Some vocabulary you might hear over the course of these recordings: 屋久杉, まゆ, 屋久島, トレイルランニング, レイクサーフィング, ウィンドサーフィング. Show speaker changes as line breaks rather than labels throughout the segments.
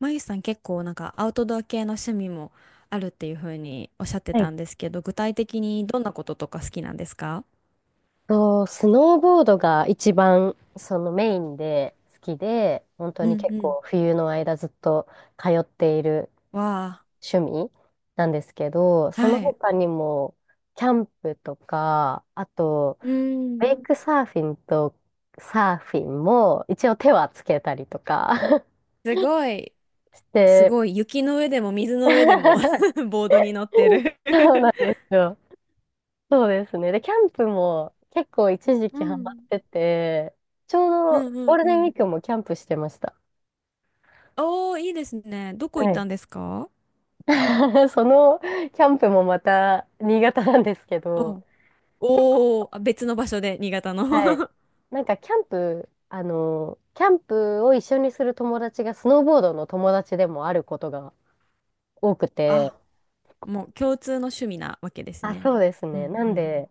まゆさん結構アウトドア系の趣味もあるっていうふうにおっしゃって
えっ
たんですけど、具体的にどんなこととか好きなんですか？
スノーボードが一番そのメインで好きで、本当
う
に
ん
結
うん。
構冬の間ずっと通っている
わ
趣味なんですけど、
あ、
その
はい。
他にもキャンプとか、あと
う
ウ
ん。
ェイクサーフィンとサーフィンも一応手はつけたりとか
すごい、
し
す
て、
ごい。雪の上でも水
そ
の上でも
う
ボードに乗ってる。
なんですよ。そうですね。で、キャンプも結構一時
う
期ハマって
ん
て、ちょう
うん
ど
う
ゴー
ん
ル
う
デンウィ
ん。
ークもキャンプしてました。
おー、いいですね。どこ行
は
っ
い。
たんですか？
そのキャンプもまた新潟なんですけど、
お、
結構、
おー、あ別の場所で、新潟の。
はい。なんかキャンプを一緒にする友達がスノーボードの友達でもあることが多くて、
あ、もう共通の趣味なわけです
あ、
ね。
そうです
う
ね。
ん
な
う
ん
ん。
で、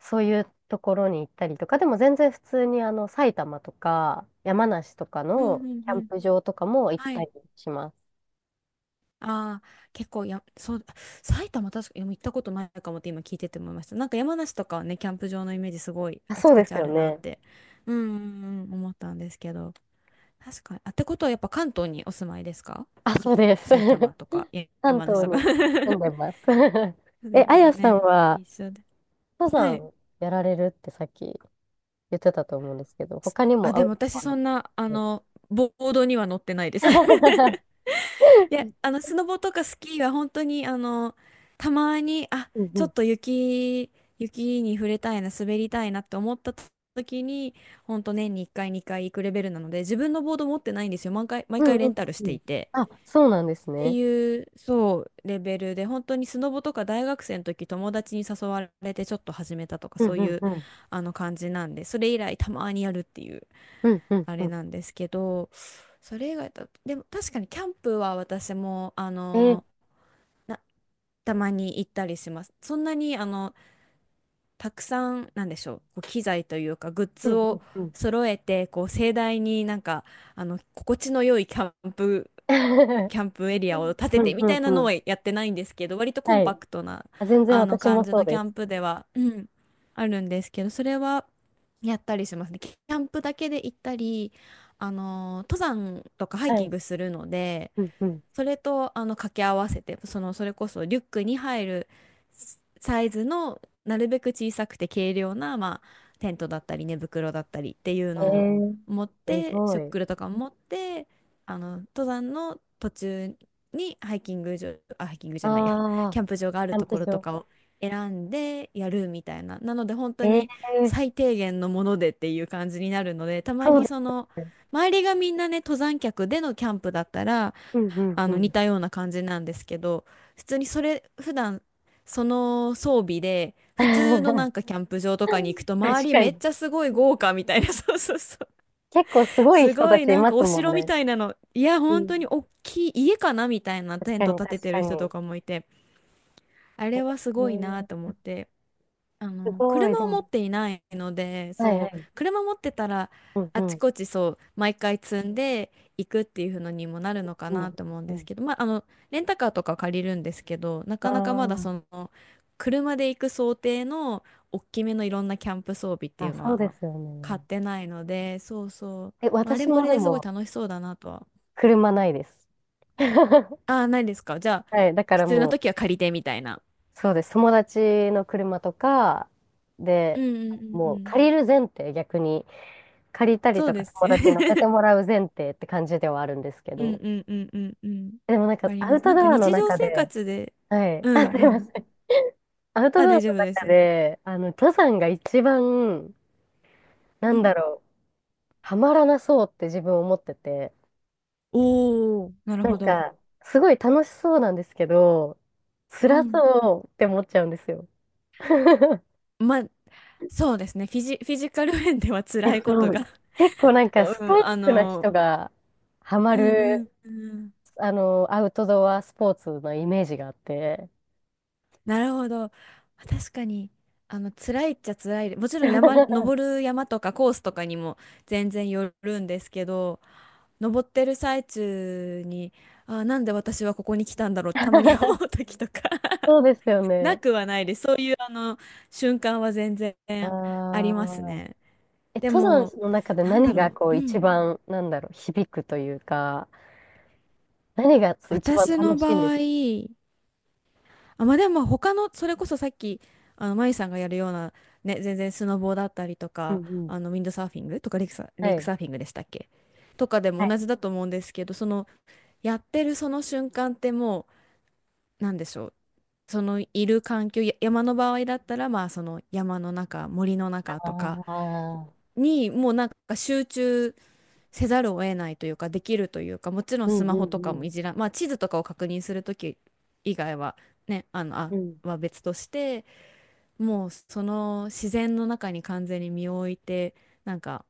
そういうところに行ったりとか、でも全然普通に埼玉とか山梨とか
うんう
の
ん
キャン
うん。
プ場とかも行っ
は
た
い。
りします。
ああ、結構や、そう、埼玉確かに行ったことないかもって今聞いてて思いました。山梨とかはね、キャンプ場のイメージすごい
あ、
あ
そ
ち
う
こ
です
ちあ
よ
るなっ
ね。
て、うんうんうん、思ったんですけど。確かに。あ、ってことはやっぱ関東にお住まいですか？
あ、
そ、
そうです。
埼玉 とか、や
関
山梨
東
とか。
に 住んでます。
そう
え、
で
あ
すよ
やさん
ね。
は、
一緒で。
登
はい。
山やられるってさっき言ってたと思うんですけど、他に
あ、
もア
で
ウ
も
トド
私
アの
そ
こ
ん
と。
な、ボードには乗ってないです。で、スノボとかスキーは本当に、たまに、あ、
うんう
ちょ
ん。
っと雪、に触れたいな、滑りたいなって思った時に、本当年に1回、2回行くレベルなので、自分のボード持ってないんですよ。毎
うん
回レ
うん
ンタルし
う
て
ん。
いて。
あ、そうなんです
って
ね。
いう、そう、レベルで、本当にスノボとか大学生の時、友達に誘われてちょっと始めたとか、
うん
そう
う
い
ん
う、
うん。
感じなんで、それ以来たまにやるっていう、
うんうん
あ
う
れ
ん。
なんですけど、それ以外だと、でも確かにキャンプは私も、あ
えー、
のなたまに行ったりします。そんなにたくさんなんでしょう、こう機材というかグッ
う
ズ
ん
を
うんうん。
揃えてこう盛大にあの心地の良いキ ャンプエリアを建て
う
て
ん
み
う
たい
んう
なの
ん。
はやってないんですけど、割とコン
は
パ
い。
クトな
あ、全然
あの
私
感
も
じ
そう
のキ
で
ャン
す。
プでは、うん、あるんですけど、それはやったりしますね。キャンプだけで行ったり、あの登山とかハイ
は
キン
い。
グするので。
うんうん。
それとあの掛け合わせて、そのそれこそリュックに入るサイズの、なるべく小さくて軽量な、まあ、テントだったり寝袋だったりっていう
え
のを
ー、
持っ
す
て、
ごい。
食料とかも持って、あの登山の途中にハイキング場、あハイキングじゃないや
ああ、
キャンプ場がある
キャ
と
ンプ
ころと
場。
かを選んでやるみたいな。なので本
え
当に
ー、
最低限のものでっていう感じになるので、たま
そう
に
で
その
すね。
周りがみんなね、登山客でのキャンプだったら
うんうん
あ
う
の似
ん。
たような感じなんですけど、普通にそれ普段その装備で普通のな んかキャンプ場とかに行くと、周
確
り
か
めっ
に。
ちゃすごい豪華みたいな。 そうそうそう。
結構すごい
す
人
ご
た
い
ちい
なん
ま
か
す
お
もん
城み
ね。
たいなの、いや
う
本
ん。
当に大きい家かなみたいな
確
テン
か
ト
に、
立て
確
て
か
る人と
に。
かもいて、あれはす
ね
ごいなと
え、
思って。
すごい、で
車を
も、
持っていないので、
はい
そ
は
う、
い。
車持ってたら、
うんう
あち
ん。
こちそう、毎回積んでいくっていうのにもなるのか
うん、
なと思うん
う
です
ん。
けど、まあ、レンタカーとか借りるんですけど、なかなかまだそ
あ
の、車で行く想定の大きめのいろんなキャンプ装備って
あ、
い
あ、
うの
そう
は
ですよ
買
ね。
ってないので、そうそう、
え、
まあ、あれ
私
もあ
も
れ
で
ですごい
も、
楽しそうだなとは。
車ないです。
ああ、ないですか。じゃあ、
はい、だから
必要な
も
時は借りてみたいな。
う、そうです。友達の車とか、
う
で、
んうんうん
もう
うん。
借りる前提、逆に。借りたり
そう
とか、
です
友
よね。
達に乗せて もらう前提って感じではあるんですけ
うん
ど。
うんうんうんうん。
でもなん
わ
か、
かり
ア
ま
ウ
す。
ト
なんか
ドアの
日常
中
生
で、
活で、
はい。
う
あ、
ん
す
う
いま
ん。
せん。アウト
あ、
ドア
大
の
丈夫で
中
す。
で、登山が一番、な
う
んだ
ん。
ろう、ハマらなそうって自分思ってて、
おー、なる
なん
ほど。
か、すごい楽しそうなんですけど、
う
辛
ん。
そうって思っちゃうんですよ。
まあ、そうですね。フィジカル面では
え
辛い
っ
こ
と、
とが。
結構なん か
おう
ストイ
ん、
ックな人がハマ
うん
る、
うんうん。
アウトドアスポーツのイメージがあって。
なるほど。確かに、辛いっちゃ辛いで。もちろん山、登る山とかコースとかにも全然よるんですけど、登ってる最中に、あ、なんで私はここに来たんだろう、たまに思 う時とか
そうですよ
な
ね。
くはないです。そういうあの瞬間は全然あり
あ
ます
あ。
ね。
え、
で
登
も、
山の中で
なんだ
何が
ろ
こう
う。う
一
ん。
番、なんだろう、響くというか、何が一番
私の
楽しいんで
場
す？
合、あ、まあでも他の、それこそさっき、まゆさんがやるような、ね、全然スノボーだったりと
うん
か、
うん。
ウィンドサーフィングとかレ
は
イク
い。
サーフィングでしたっけ、とかで
は
も
い。
同じだと思うんですけど、その、やってるその瞬間って、もう、なんでしょう。そのいる環境、や山の場合だったら、まあその山の中、森の
あ
中とか
ー、
に、もうなんか集中せざるを得ないというかできるというか、もちろん
うん
スマ
う
ホと
ん
か
う
も
ん
いじらん、まあ、地図とかを確認する時以外はね、
うん。
は別として、もうその自然の中に完全に身を置いて、なんか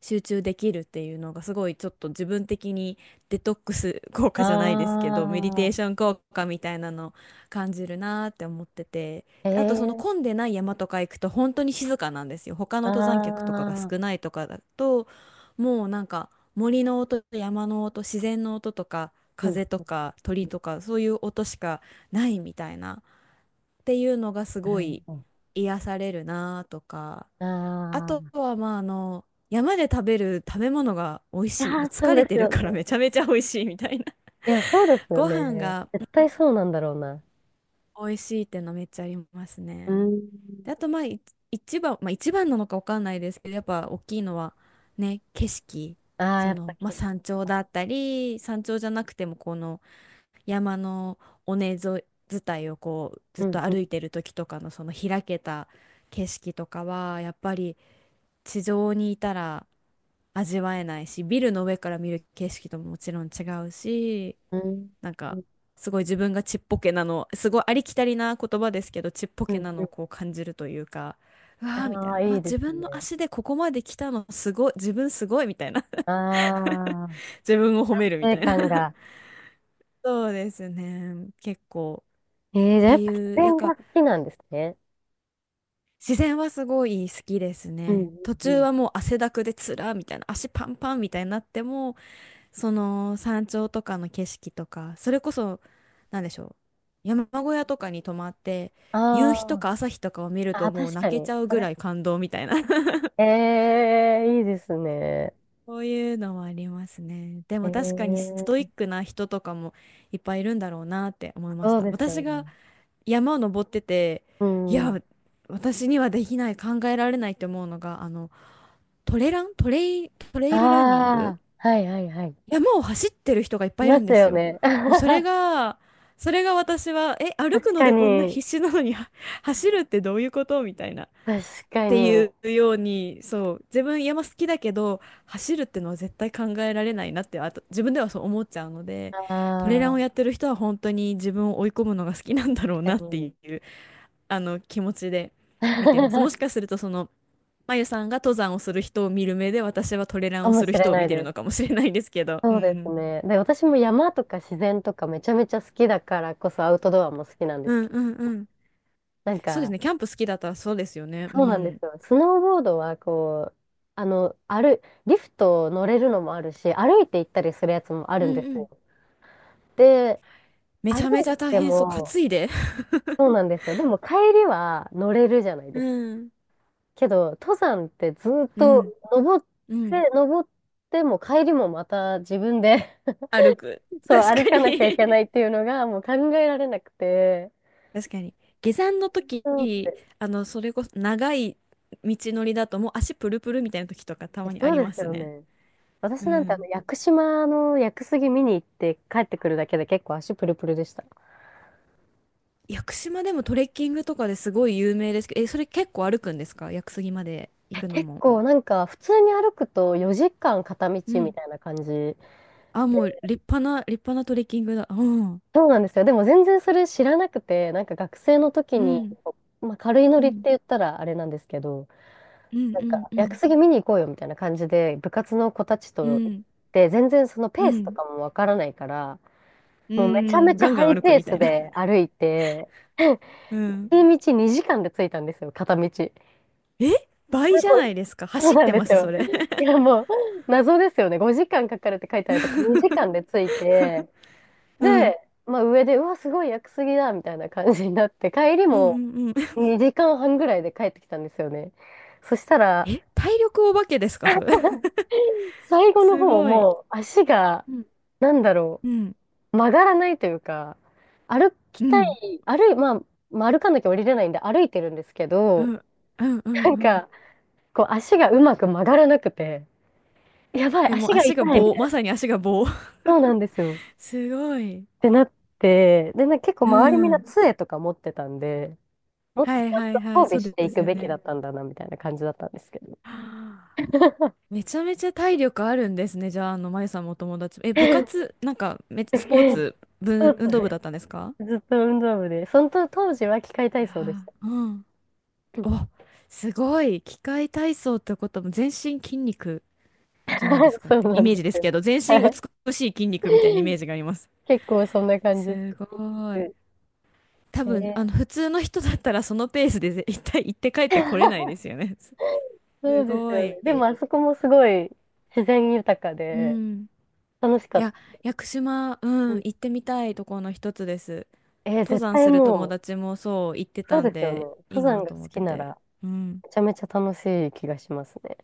集中できるっていうのがすごいちょっと自分的にデトックス効果じゃないですけど、メディテーシ
あ
ョン効果みたいなの感じるなーって思ってて、
ー、え
であとそ
え
の
ー、
混んでない山とか行くと本当に静かなんですよ。他の
あ
登山客とかが
ー、
少ないとかだと、もうなんか森の音と山の音、自然の音とか
うん。
風とか鳥とかそういう音しかないみたいなっていうのがす
な
ご
る
い
ほ
癒されるなーとか。
ど。
あ
あー、
と
い
は、まあ、山で食べる食べ物が美味しい。も
や
う
ー、そう
疲れ
です
てる
よ
から めち
ね。
ゃめちゃ美味しいみたいな。
いや、そうです よ
ご飯
ね。
がう
絶
ん
対そうなんだろうな。
美味しいっていうのはめっちゃあります
う
ね。
ん。
で、あと、まあ、一番なのかわかんないですけど、やっぱ大きいのは、ね、景色。
あー、
そ
やっぱ
の、まあ、
景色。
山頂だったり、山頂じゃなくても、この山の尾根沿い、伝いをこう、ずっ
う
と
んう
歩
ん
いてる時とかの、その開けた景色とかは、やっぱり、地上にいたら味わえないし、ビルの上から見る景色とももちろん違うし、
うん。
なん
う
か
ん
すごい自分がちっぽけなの、すごいありきたりな言葉ですけど、ちっぽ
う
け
ん。
な
う
のをこ
ん、
う感じるというか、うわーみた
あ
い
あ、
な、うわ、
いいです
自分の
ね。
足でここまで来たのすごい、自分すごいみたいな。
ああ、
自分を褒め
達
るみ
成
たいな。
感 が。
そうですね、結構。
ええー、
っ
じゃ
て
あやっぱ自
いう、やっ
然
ぱ
が好きなんですね。
自然はすごい好きです
うう
ね。
ん、
途
う
中
ん、
はもう汗だくでつらみたいな、足パンパンみたいになっても、その山頂とかの景色とか、それこそ、なんでしょう、山小屋とかに泊まって、
あ
夕日と
あ、
か朝日とかを見ると
あ、
もう
確
泣
か
け
に。
ちゃう
そ
ぐ
れ、
らい感動みたいな。
ええ、いいですね。
そういうのはありますね。でも確かにス
え
トイ
え、
ックな人とかもいっぱいいるんだろうなって思いまし
そう
た。
です
私
よ
が
ね。
山を登ってて、
う
い
んうん。
や、私にはできない、考えられないって思うのが、トレイルランニング、
ああ、はいはいはい。い
山を走ってる人がいっぱいい
ま
るん
す
です
よ
よ。
ね。
もうそれが私は、え、歩く
確
の
か
でこんな
に、
必死なのには、 走るってどういうことみたいな。
確
っ
か
てい
に。
うように、そう、自分山好きだけど、走るってのは絶対考えられないなって、あと自分ではそう思っちゃうので、
あ
トレランを
あ、
やってる人は本当に自分を追い込むのが好きなんだろう
確
なっ
か
てい
に。
う、気持ちで見てます。も しかするとまゆさんが登山をする人を見る目で、私はトレラン
か
を
も
す
し
る
れ
人を
な
見
い
てる
で
の
す。
かもしれないですけど、う
そうです
ん。
ね。で、私も山とか自然とかめちゃめちゃ好きだからこそアウトドアも好きなんで
う
す
ん
けど、
うんうん。
なん
そうです
か、
ね。キャンプ好きだったらそうですよね。う
そうなんで
ん。
すよ。スノーボードはこう、あの、歩、リフト乗れるのもあるし、歩いて行ったりするやつもあ
う
るん
ん
で
う
す
ん。
よ。で、
めち
歩
ゃめち
い
ゃ大
て
変そう。担
も、
いで。
そうなんですよ。でも帰りは乗れるじゃない で
う
すか。
ん。
けど、登山ってずっ
う
と
ん。
登っ
うん。
て、登っても帰りもまた自分で
歩く。
そう、
確
歩
か
かなきゃい
に。
けないっていうのがもう考えられなくて。
確かに。下山の時、
そうって、
それこそ長い道のりだともう足プルプルみたいな時とかたまにあ
そう
り
で
ま
す
す
よ
ね。
ね。私
う
なんて
ん。
屋久島の屋久杉見に行って帰ってくるだけで結構足プルプルでした。
屋久島でもトレッキングとかですごい有名ですけど、え、それ結構歩くんですか、屋久杉まで行
え、
くの
結
も。
構なんか普通に歩くと4時間片道
う
み
ん。
たいな感じ。
あ、もう立派なトレッキングだ。うん。
そうなんですよ。でも全然それ知らなくて、なんか学生の時
う
に、
ん。
まあ、軽いノ
う
リって
ん。
言ったらあれなんですけど、
うん
な
う
ん
ん
か
う
屋久
ん
杉見に行こうよみたいな感じで部活の子たち
う
と行っ
ん
て、全然そのペ
う
ースと
ん
かもわからないから、
う
もうめちゃめ
ん、
ちゃ
ガン
ハ
ガン
イ
歩く
ペー
みた
ス
いな。
で歩いて、
うん。
片道2時間で着いたんですよ、片道。
え、
そ
倍
う、
じゃないですか。
そう
走っ
なん
て
で
ま
す
す、そ
よ。
れ。
いや、もう、謎ですよね。5時間かかるって書いてあるとこ、2 時間で着いて、
うん。
で、まあ上で、うわ、すごい屋久杉だ、みたいな感じになって、帰り
うんうん
も
うん。
2時間半ぐらいで帰ってきたんですよね。そしたら、
え、体力お化けですか、それ。
最後の
す
方
ごい。
もう足が、
うん
なんだろ
うん
う、曲がらないというか、歩き
う
たい、
ん
歩い、まあ歩かなきゃ降りれないんで歩いてるんですけ
う
ど、
んうんうん
なん
うん、
か、こう足がうまく曲がらなくて、やばい、
え、もう
足が
足が
痛い、
棒、まさに足が棒。
そうなんですよ。っ
すごい。
てなって、で、結構
う
周りみんな
ん。
杖とか持ってたんで、もっ
は
とち
い
ゃん
は
と
いは
装
い、そ
備
う
し
で
てい
す
く
よ
べきだ
ね。
ったんだな、みたいな感じだったんですけど。
はあ、 めちゃめちゃ体力あるんですね。じゃあ、まゆさんもお友達。え、部活、なんか、め、スポーツ、
そ
ぶ、
う
運
そ
動部だったん
う。
ですか？
ずっと運動部で、その当時は器械
い
体操でし
や
た。
ーうん。
うん。
お、すごい。器械体操ってことはもう全身筋肉じゃないです かっ
そう
て
な
イ
ん
メー
で
ジで
す
す
よ。
けど、全身
はい。
美しい筋肉みたいなイメー ジがあります。
結構そんな感じで
すごい。
す。
多
え
分、
ー、
普通の人だったらそのペースで絶対行って帰ってこれないで すよね。す
そうです
ご
よね。
い。
でもあそこもすごい自然豊か
う
で
ん。
楽しか
い
っ
や、
た。
屋久島、う
う
ん、
ん、
行ってみたいところの一つです。
えー、
登
絶
山
対
する友
も
達もそう言って
う、そ
た
うで
ん
すよね。
で、い
登
いな
山が
と
好
思っ
き
て
な
て。
ら
うん。
めちゃめちゃ楽しい気がしますね。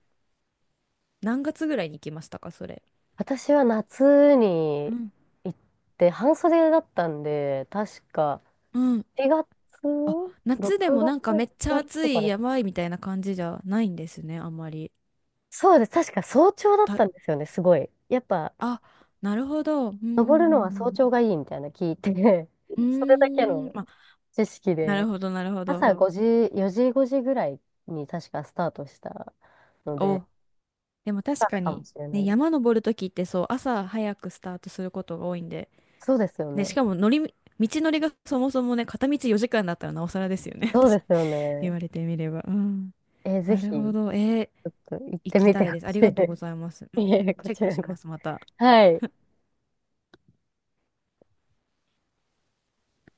何月ぐらいに行きましたか、それ。
私は夏
う
に
ん。
行って半袖だったんで、確か
うん。
4月、
あ、夏で
6
もなんか
月、
め
7
っちゃ
月
暑
とか
い、
です
や
か。
ばいみたいな感じじゃないんですね、あんまり。
そうです。確か早朝だっ
た、
たんですよね、すごい。やっぱ、
あ、なるほど。うん、う
登るのは早
ん、
朝がいいみたいな聞いて、
う
それだけ
ん。うーん、
の
ま、
知識
なる
で、
ほど、なるほ
朝
ど。
5時、4時、5時ぐらいに確かスタートしたので、
お、でも
だ
確
から
か
か
に、
もしれな
ね、
いで
山
す。
登るときってそう、朝早くスタートすることが多いんで、
そうですよ
ね、し
ね。
かも乗り、道のりがそもそもね、片道4時間だったらなおさらですよね。
そうですよ
言
ね。
われてみれば。うん。
えー、ぜ
な
ひ。
るほど。
ち
えー
ょっと行っ
行
て
き
み
た
て
い
ほ
です。あ
し
り
い
がとうご
で
ざいます。
す。い
う
え、
ん、
こ
チェッ
ち
ク
ら
し
こ
ま
そ。
す、また。
はい。